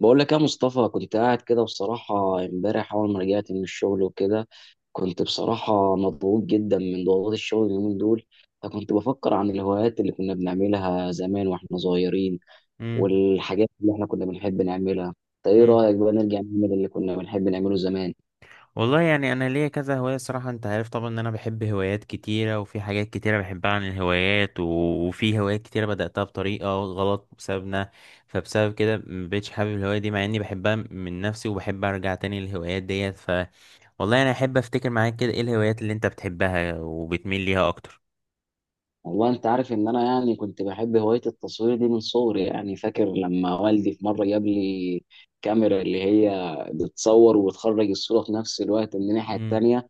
بقول لك يا مصطفى كنت قاعد كده بصراحة امبارح أول ما رجعت من الشغل وكده كنت بصراحة مضغوط جدا من ضغوطات الشغل اليومين دول. فكنت بفكر عن الهوايات اللي كنا بنعملها زمان واحنا صغيرين مم. والحاجات اللي احنا كنا بنحب نعملها. طيب ايه مم. رأيك بقى نرجع نعمل اللي كنا بنحب نعمله زمان؟ والله يعني انا ليا كذا هوايه صراحه، انت عارف طبعا ان انا بحب هوايات كتيره وفي حاجات كتيره بحبها عن الهوايات وفي هوايات كتيره بداتها بطريقه غلط بسببنا. فبسبب كده مبقتش حابب الهوايه دي مع اني بحبها من نفسي، وبحب ارجع تاني للهوايات ديت. ف والله انا احب افتكر معاك كده ايه الهوايات اللي انت بتحبها وبتميل ليها اكتر. والله انت عارف ان انا يعني كنت بحب هواية التصوير دي من صغري، يعني فاكر لما والدي في مرة جاب لي كاميرا اللي هي بتصور وتخرج الصورة في نفس الوقت من الناحية مم. التانية.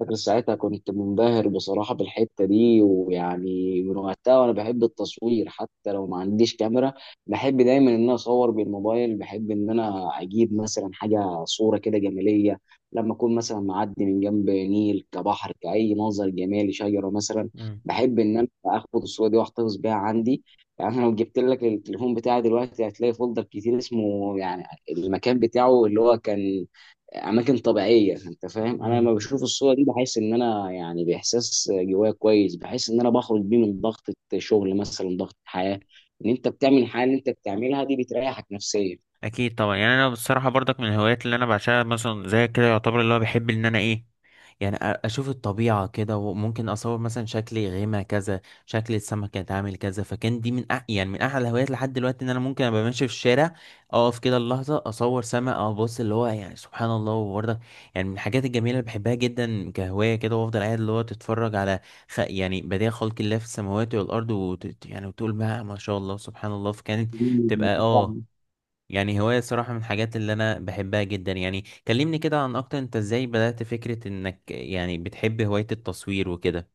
فاكر ساعتها كنت منبهر بصراحة بالحتة دي، ويعني من وقتها وأنا بحب التصوير حتى لو ما عنديش كاميرا. بحب دايما إن أنا أصور بالموبايل، بحب إن أنا أجيب مثلا حاجة صورة كده جمالية لما أكون مثلا معدي من جنب نيل كبحر كأي منظر جمالي شجرة مثلا. مم. بحب إن أنا آخد الصورة دي وأحتفظ بيها عندي. يعني أنا لو جبت لك التليفون بتاعي دلوقتي هتلاقي فولدر كتير اسمه يعني المكان بتاعه اللي هو كان اماكن طبيعيه. انت فاهم، انا لما مم. بشوف الصوره دي بحس ان انا يعني باحساس جوايا كويس، بحس ان انا بخرج بيه من ضغط شغل مثلا، ضغط حياه، ان انت بتعمل حاجه اللي انت بتعملها دي بتريحك اكيد طبعا. يعني انا بصراحه برضك من الهوايات اللي انا بعشقها مثلا زي كده، يعتبر اللي هو بحب ان انا ايه، يعني اشوف الطبيعة كده، وممكن اصور مثلا شكل غيمة كذا، شكل السمك اتعامل كذا. فكان دي من أح يعني من احلى الهوايات لحد دلوقتي، ان انا ممكن ابقى ماشي في الشارع، اقف كده اللحظة اصور سمك او ابص اللي هو، يعني سبحان الله. وبرضه يعني من الحاجات الجميلة اللي بحبها جدا كهواية كده، وافضل قاعد اللي هو تتفرج على يعني بديع خلق الله في السماوات والارض يعني وتقول ما شاء الله سبحان الله. فكانت تبقى نفسيا. اه، يعني هواية الصراحة من الحاجات اللي أنا بحبها جدا يعني. كلمني كده عن أكتر، أنت إزاي بدأت فكرة إنك يعني بتحب هواية التصوير وكده؟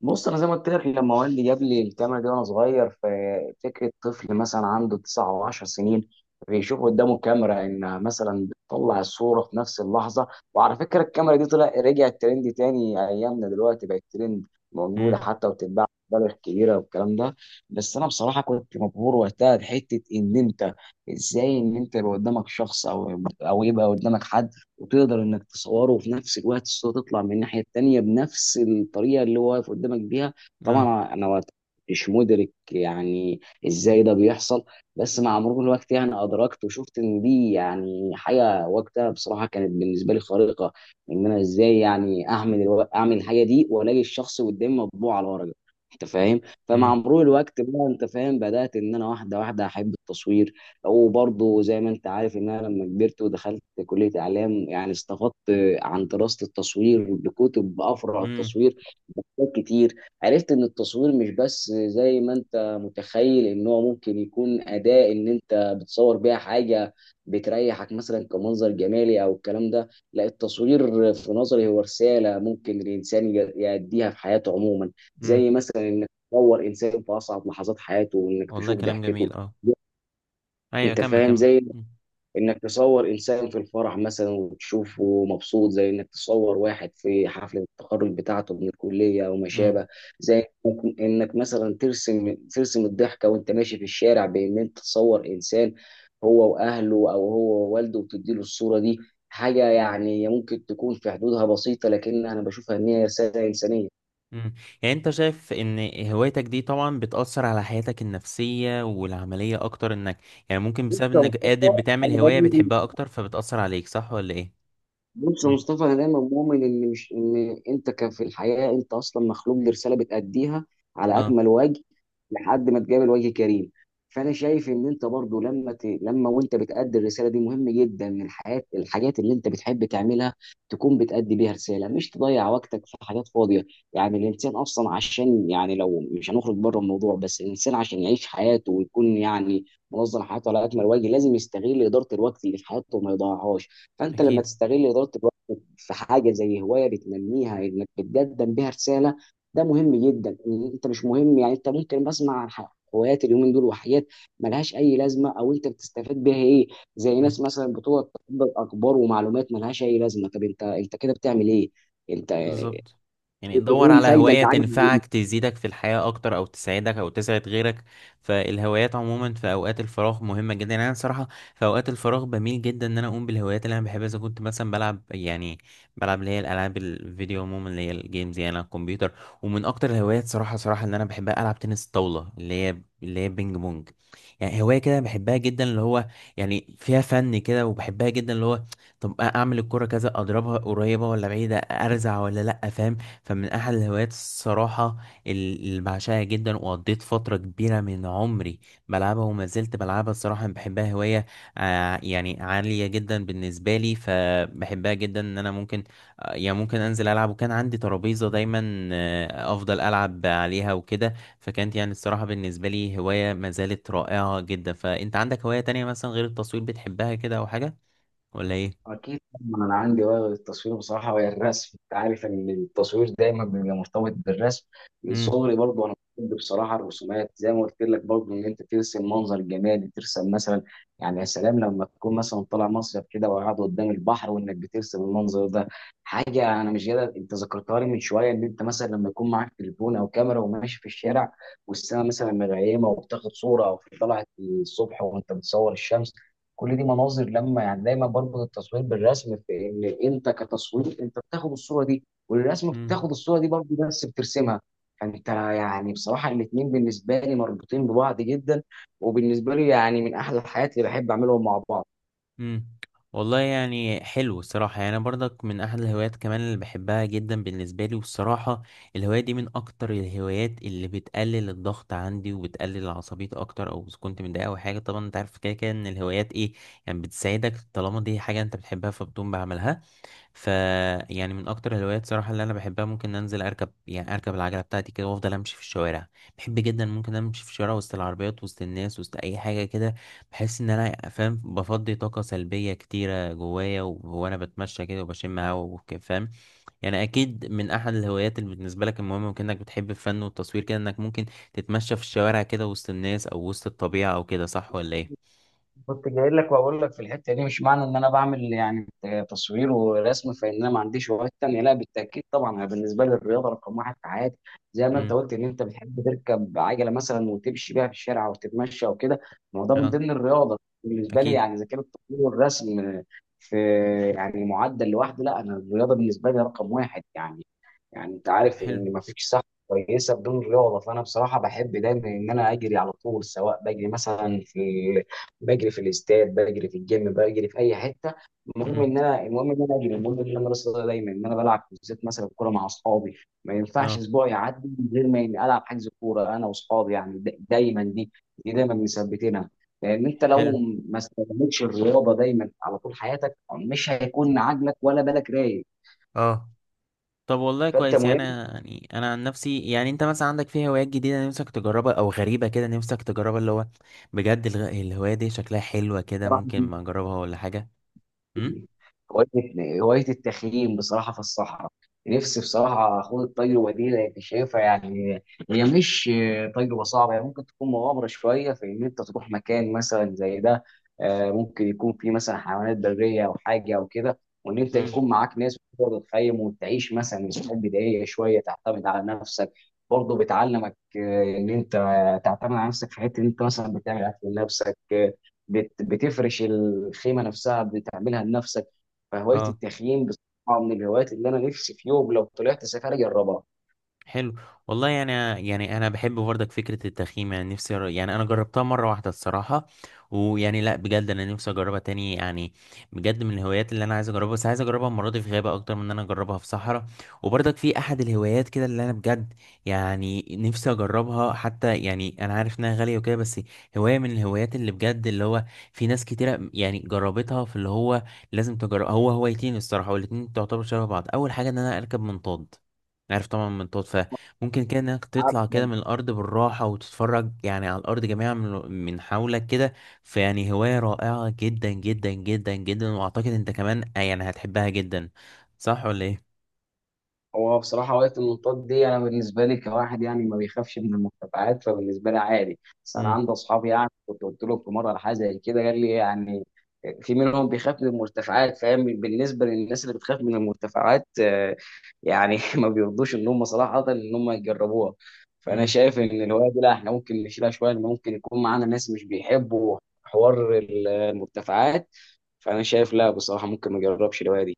بص انا زي ما قلت لك لما والدي جاب لي الكاميرا دي وانا صغير، ففكره طفل مثلا عنده تسع او 10 سنين بيشوف قدامه كاميرا ان مثلا بتطلع الصوره في نفس اللحظه. وعلى فكره الكاميرا دي طلع رجعت ترند تاني ايامنا دلوقتي، بقت ترند موجوده امم. حتى وبتتباع مبالغ كبيره والكلام ده. بس انا بصراحه كنت مبهور وقتها بحته ان انت ازاي ان انت يبقى قدامك شخص او يبقى قدامك حد وتقدر انك تصوره وفي نفس الوقت الصوره تطلع من الناحيه التانيه بنفس الطريقه اللي هو واقف قدامك بيها. اه. طبعا انا وقت مش مدرك يعني ازاي ده بيحصل. بس مع مرور الوقت يعني ادركت وشفت ان دي يعني حاجه وقتها بصراحه كانت بالنسبه لي خارقه، ان انا ازاي يعني اعمل اعمل الحاجه دي والاقي الشخص قدامي مطبوع على ورقه، انت فاهم. فمع امم. مرور الوقت بقى انت فاهم بدات ان انا واحده واحده احب التصوير. وبرضه زي ما انت عارف ان انا لما كبرت ودخلت كليه اعلام، يعني استفدت عن دراسه التصوير، بكتب افرع امم. التصوير، بكتب كتير. عرفت ان التصوير مش بس زي ما انت متخيل ان هو ممكن يكون اداه ان انت بتصور بيها حاجه بتريحك مثلا كمنظر جمالي او الكلام ده. لا، التصوير في نظري هو رساله ممكن الانسان يأديها في حياته عموما. امم. زي مثلا انك تصور انسان في اصعب لحظات حياته وانك والله تشوف كلام ضحكته، جميل اه. أيوة، انت كمل فاهم. كمل. زي امم. انك تصور انسان في الفرح مثلا وتشوفه مبسوط، زي انك تصور واحد في حفلة التخرج بتاعته من الكلية او ما امم. شابه. زي ممكن انك مثلا ترسم الضحكة وانت ماشي في الشارع بان انت تصور انسان هو واهله او هو ووالده وتديله الصورة دي. حاجة يعني ممكن تكون في حدودها بسيطة لكنها انا بشوفها ان هي رسالة انسانية. امم. يعني أنت شايف إن هوايتك دي طبعا بتأثر على حياتك النفسية والعملية أكتر، إنك يعني ممكن بسبب بص يا إنك قادر مصطفى، بتعمل أنا هواية باجي. بتحبها أكتر فبتأثر عليك، صح ولا إيه؟ بص يا امم. مصطفى انا دايما مؤمن ان مش ان انت في الحياه انت اصلا مخلوق لرساله بتاديها على اه. اكمل وجه لحد ما تقابل وجه كريم. فانا شايف ان انت برضو لما لما وانت بتادي الرساله دي مهم جدا ان الحياه الحاجات اللي انت بتحب تعملها تكون بتادي بيها رساله مش تضيع وقتك في حاجات فاضيه. يعني الانسان اصلا عشان يعني لو مش هنخرج بره الموضوع، بس الانسان عشان يعيش حياته ويكون يعني منظم حياته على اكمل وجه لازم يستغل اداره الوقت اللي في حياته وما يضيعهاش. فانت لما أكيد. تستغل اداره الوقت في حاجه زي هوايه بتنميها انك بتقدم بيها رساله، ده مهم جدا. إن انت مش مهم، يعني انت ممكن بسمع عن هوايات اليومين دول وحاجات ملهاش اي لازمه او انت بتستفاد بيها ايه. زي امم. ناس مثلا بتقعد تقبل اخبار ومعلومات ملهاش اي لازمه، طب انت انت كده بتعمل ايه؟ انت ايه بالظبط. يعني دور على الفايده هواية اللي عايز؟ تنفعك، تزيدك في الحياة أكتر أو تساعدك أو تسعد غيرك. فالهوايات عموما في أوقات الفراغ مهمة جدا. يعني أنا صراحة في أوقات الفراغ بميل جدا إن أنا أقوم بالهوايات اللي أنا بحبها. إذا كنت مثلا بلعب، يعني بلعب اللي هي الألعاب الفيديو عموما اللي هي الجيمز يعني على الكمبيوتر. ومن أكتر الهوايات صراحة صراحة اللي أنا بحبها ألعب تنس الطاولة اللي هي اللي هي بينج بونج. يعني هواية كده بحبها جدا اللي هو، يعني فيها فن كده وبحبها جدا اللي هو، طب اعمل الكرة كذا، اضربها قريبة ولا بعيدة، ارزع ولا لا، فاهم؟ فمن احد الهوايات الصراحة اللي بعشقها جدا وقضيت فترة كبيرة من عمري بلعبها، وما زلت بلعبها الصراحة. أنا بحبها هواية يعني عالية جدا بالنسبة لي، فبحبها جدا ان انا ممكن يعني ممكن انزل العب، وكان عندي ترابيزة دايما افضل العب عليها وكده. فكانت يعني الصراحة بالنسبة لي هواية ما زالت رائعة جدا. فانت عندك هواية تانية مثلا غير التصوير بتحبها كده او حاجة ولا ايه؟ أكيد طبعاً أنا عندي هواية غير التصوير بصراحة وهي الرسم، أنت عارف إن التصوير دايما بيبقى مرتبط بالرسم، من مم. صغري برضه أنا بحب بصراحة الرسومات، زي ما قلت لك برضه إن أنت ترسم منظر جمالي، ترسم مثلا يعني يا سلام لما تكون مثلا طالع مصيف كده وقاعد قدام البحر وإنك بترسم المنظر ده. حاجة أنا مش قادر، أنت ذكرتها لي من شوية، إن أنت مثلا لما يكون معاك تليفون أو كاميرا وماشي في الشارع والسماء مثلا مغيمة وبتاخد صورة أو في طلعت الصبح وأنت بتصور الشمس. كل دي مناظر لما يعني دايما بربط التصوير بالرسم، في ان انت كتصوير انت بتاخد الصوره دي والرسم مم. بتاخد الصوره دي برضه بس بترسمها. فانت يعني بصراحه الاثنين بالنسبه لي مربوطين ببعض جدا، وبالنسبه لي يعني من احلى الحاجات اللي بحب اعملهم مع بعض. مم. والله يعني حلو الصراحة. يعني أنا برضك من أحد الهوايات كمان اللي بحبها جدا بالنسبة لي، والصراحة الهواية دي من أكتر الهوايات اللي بتقلل الضغط عندي وبتقلل العصبية أكتر، أو إذا كنت متضايق أو حاجة. طبعا أنت عارف كده كده إن الهوايات إيه، يعني بتساعدك طالما دي حاجة أنت بتحبها فبتقوم بعملها. ف يعني من اكتر الهوايات صراحه اللي انا بحبها ممكن انزل اركب، يعني اركب العجله بتاعتي كده وافضل امشي في الشوارع. بحب جدا ممكن امشي في الشوارع وسط العربيات، وسط الناس، وسط اي حاجه كده. بحس ان انا فاهم بفضي طاقه سلبيه كتيره جوايا، وانا بتمشى كده وبشم هوا فاهم. يعني اكيد من احد الهوايات اللي بالنسبه لك المهمه، وكانك بتحب الفن والتصوير كده، انك ممكن تتمشى في الشوارع كده وسط الناس او وسط الطبيعه او كده، صح ولا ايه؟ كنت جاي لك واقول لك في الحته دي مش معنى ان انا بعمل يعني تصوير ورسم فان انا ما عنديش هوايات تانيه، لا بالتاكيد. طبعا انا بالنسبه لي الرياضه رقم واحد في حياتي. زي ما انت امم. قلت ان انت بتحب تركب عجله مثلا وتمشي بيها في الشارع او تتمشى او كده، ما هو ده من اه. ضمن الرياضه بالنسبه لي. اكيد. يعني اذا كان التصوير والرسم في يعني معدل لوحده، لا انا الرياضه بالنسبه لي رقم واحد يعني. يعني انت عارف حلو. ان ما فيش صحه كويسه بدون رياضه. فانا بصراحه بحب دايما ان انا اجري على طول، سواء بجري مثلا في بجري في الاستاد بجري في الجيم بجري في اي حته، المهم امم. ان انا المهم ان انا اجري، المهم ان انا راسي دايما ان انا بلعب بالذات مثلا كوره مع اصحابي. ما ينفعش اه. اسبوع يعدي من غير ما إني العب حجز كوره انا واصحابي، يعني دايما دي، دي دايما مثبتينها. لان انت لو حلو. ما استخدمتش الرياضه دايما على طول حياتك مش هيكون عقلك ولا بالك رايق. اه. طب والله فانت كويس. يعني مهم انا يعني انا عن نفسي، يعني انت مثلا عندك في هوايات جديده نفسك تجربها او غريبه كده نفسك تجربها اللي هو بجد؟ الهوايه دي شكلها حلوه كده، بصراحه ممكن ما اجربها ولا حاجه؟ امم. هواية التخييم بصراحة في الصحراء، نفسي بصراحة أخوض التجربة دي لأن شايفها يعني هي مش تجربة صعبة، هي ممكن تكون مغامرة شوية في إن أنت تروح مكان مثلا زي ده، ممكن يكون فيه مثلا حيوانات برية أو حاجة أو كده، وإن أنت امم. يكون معاك ناس تقدر تخيم وتعيش مثلا مساحات بدائية شوية تعتمد على نفسك. برضه بتعلمك إن أنت تعتمد على نفسك في حتة إن أنت مثلا بتعمل أكل لنفسك، بتفرش الخيمه نفسها بتعملها لنفسك. فهوايه اه. التخييم بصراحه من الهوايات اللي انا نفسي في يوم لو طلعت سفاري اجربها. حلو. والله يعني، يعني انا بحب برضك فكره التخييم. يعني نفسي يعني انا جربتها مره واحده الصراحه، ويعني لا بجد انا نفسي اجربها تاني. يعني بجد من الهوايات اللي انا عايز اجربها، بس عايز اجربها المره دي في غابه اكتر من ان انا اجربها في صحراء. وبرضك في احد الهوايات كده اللي انا بجد يعني نفسي اجربها، حتى يعني انا عارف انها غاليه وكده، بس هوايه من الهوايات اللي بجد اللي هو في ناس كتيره يعني جربتها في اللي هو لازم تجرب. هو هوايتين الصراحه والاتنين تعتبر شبه بعض. اول حاجه ان انا اركب منطاد، عارف طبعا من طوط، فممكن كده انك تطلع كده من الارض بالراحه وتتفرج يعني على الارض جميعا من حولك كده. فيعني هوايه رائعه جدا جدا جدا جدا، واعتقد انت كمان يعني هتحبها جدا، صح ولا ايه؟ هو بصراحة وقت المنطاد دي أنا بالنسبة لي كواحد يعني ما بيخافش من المرتفعات، فبالنسبة لي عادي، بس أنا عندي أصحابي يعني كنت قلت لهم في مرة على حاجة زي كده قال لي يعني في منهم بيخاف من المرتفعات، فاهم. بالنسبة للناس اللي بتخاف من المرتفعات يعني ما بيرضوش إن هم صراحة إن هم يجربوها. فأنا امم. شايف إن الهواية دي، لا إحنا ممكن نشيلها شوية إن ممكن يكون معانا ناس مش بيحبوا حوار المرتفعات، فأنا شايف لا بصراحة ممكن ما أجربش الهواية دي.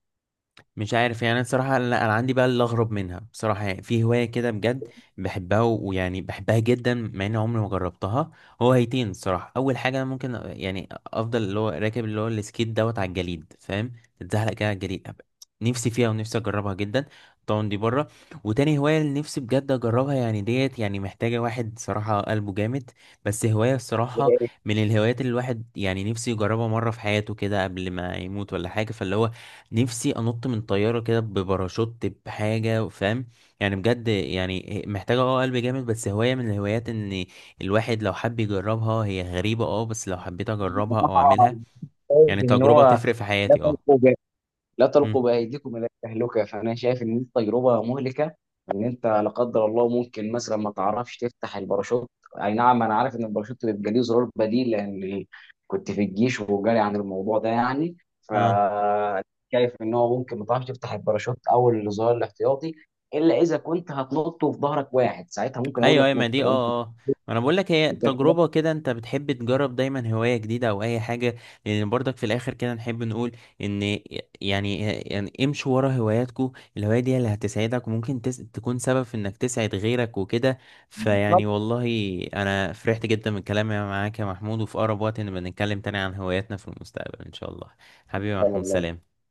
مش عارف. يعني انا الصراحه لا، انا عندي بقى اللي اغرب منها بصراحه. يعني في هوايه كده بجد بحبها ويعني بحبها جدا مع اني عمري ما جربتها. هو هيتين الصراحه. اول حاجه أنا ممكن يعني افضل اللي هو راكب اللي هو السكيت دوت على الجليد، فاهم، تتزحلق كده على الجليد نفسي فيها ونفسي اجربها جدا. طبعا دي بره. وتاني هوايه اللي نفسي بجد اجربها، يعني ديت يعني محتاجه واحد صراحه قلبه جامد. بس هوايه الصراحه من الهوايات اللي الواحد يعني نفسه يجربها مره في حياته كده قبل ما يموت ولا حاجه. فاللي هو نفسي انط من طياره كده بباراشوت بحاجه، فاهم؟ يعني بجد يعني محتاجه اه قلب جامد، بس هوايه من الهوايات ان الواحد لو حب يجربها، هي غريبه اه، بس لو حبيت اجربها او بصراحة اعملها يعني شايف ان تجربه هو تفرق في لا حياتي اه. تلقوا ب... لا تلقوا امم. بايديكم الى التهلكه، فانا شايف ان دي تجربه مهلكه. ان انت لا قدر الله ممكن مثلا ما تعرفش تفتح الباراشوت، اي نعم انا عارف ان الباراشوت بيبقى ليه زرار بديل لان كنت في الجيش وجالي عن الموضوع ده يعني ف اه. شايف ان هو ممكن ما تعرفش تفتح الباراشوت او الزرار الاحتياطي، الا اذا كنت هتنط وفي ظهرك واحد ساعتها ممكن اقول ايوه لك ايوه، ما نط دي لو انت اه اه، ما انا بقول لك هي تجربه كده، انت بتحب تجرب دايما هوايه جديده او اي حاجه. لان برضك في الاخر كده نحب نقول ان يعني امشوا ورا هواياتكم. الهوايه دي اللي هتسعدك وممكن تكون سبب في انك تسعد غيرك وكده. بالظبط فيعني والله انا فرحت جدا من كلامي معاك يا محمود، وفي اقرب وقت نبقى نتكلم تاني عن هواياتنا في المستقبل ان شاء الله. حبيبي يا محمود، والله سلام.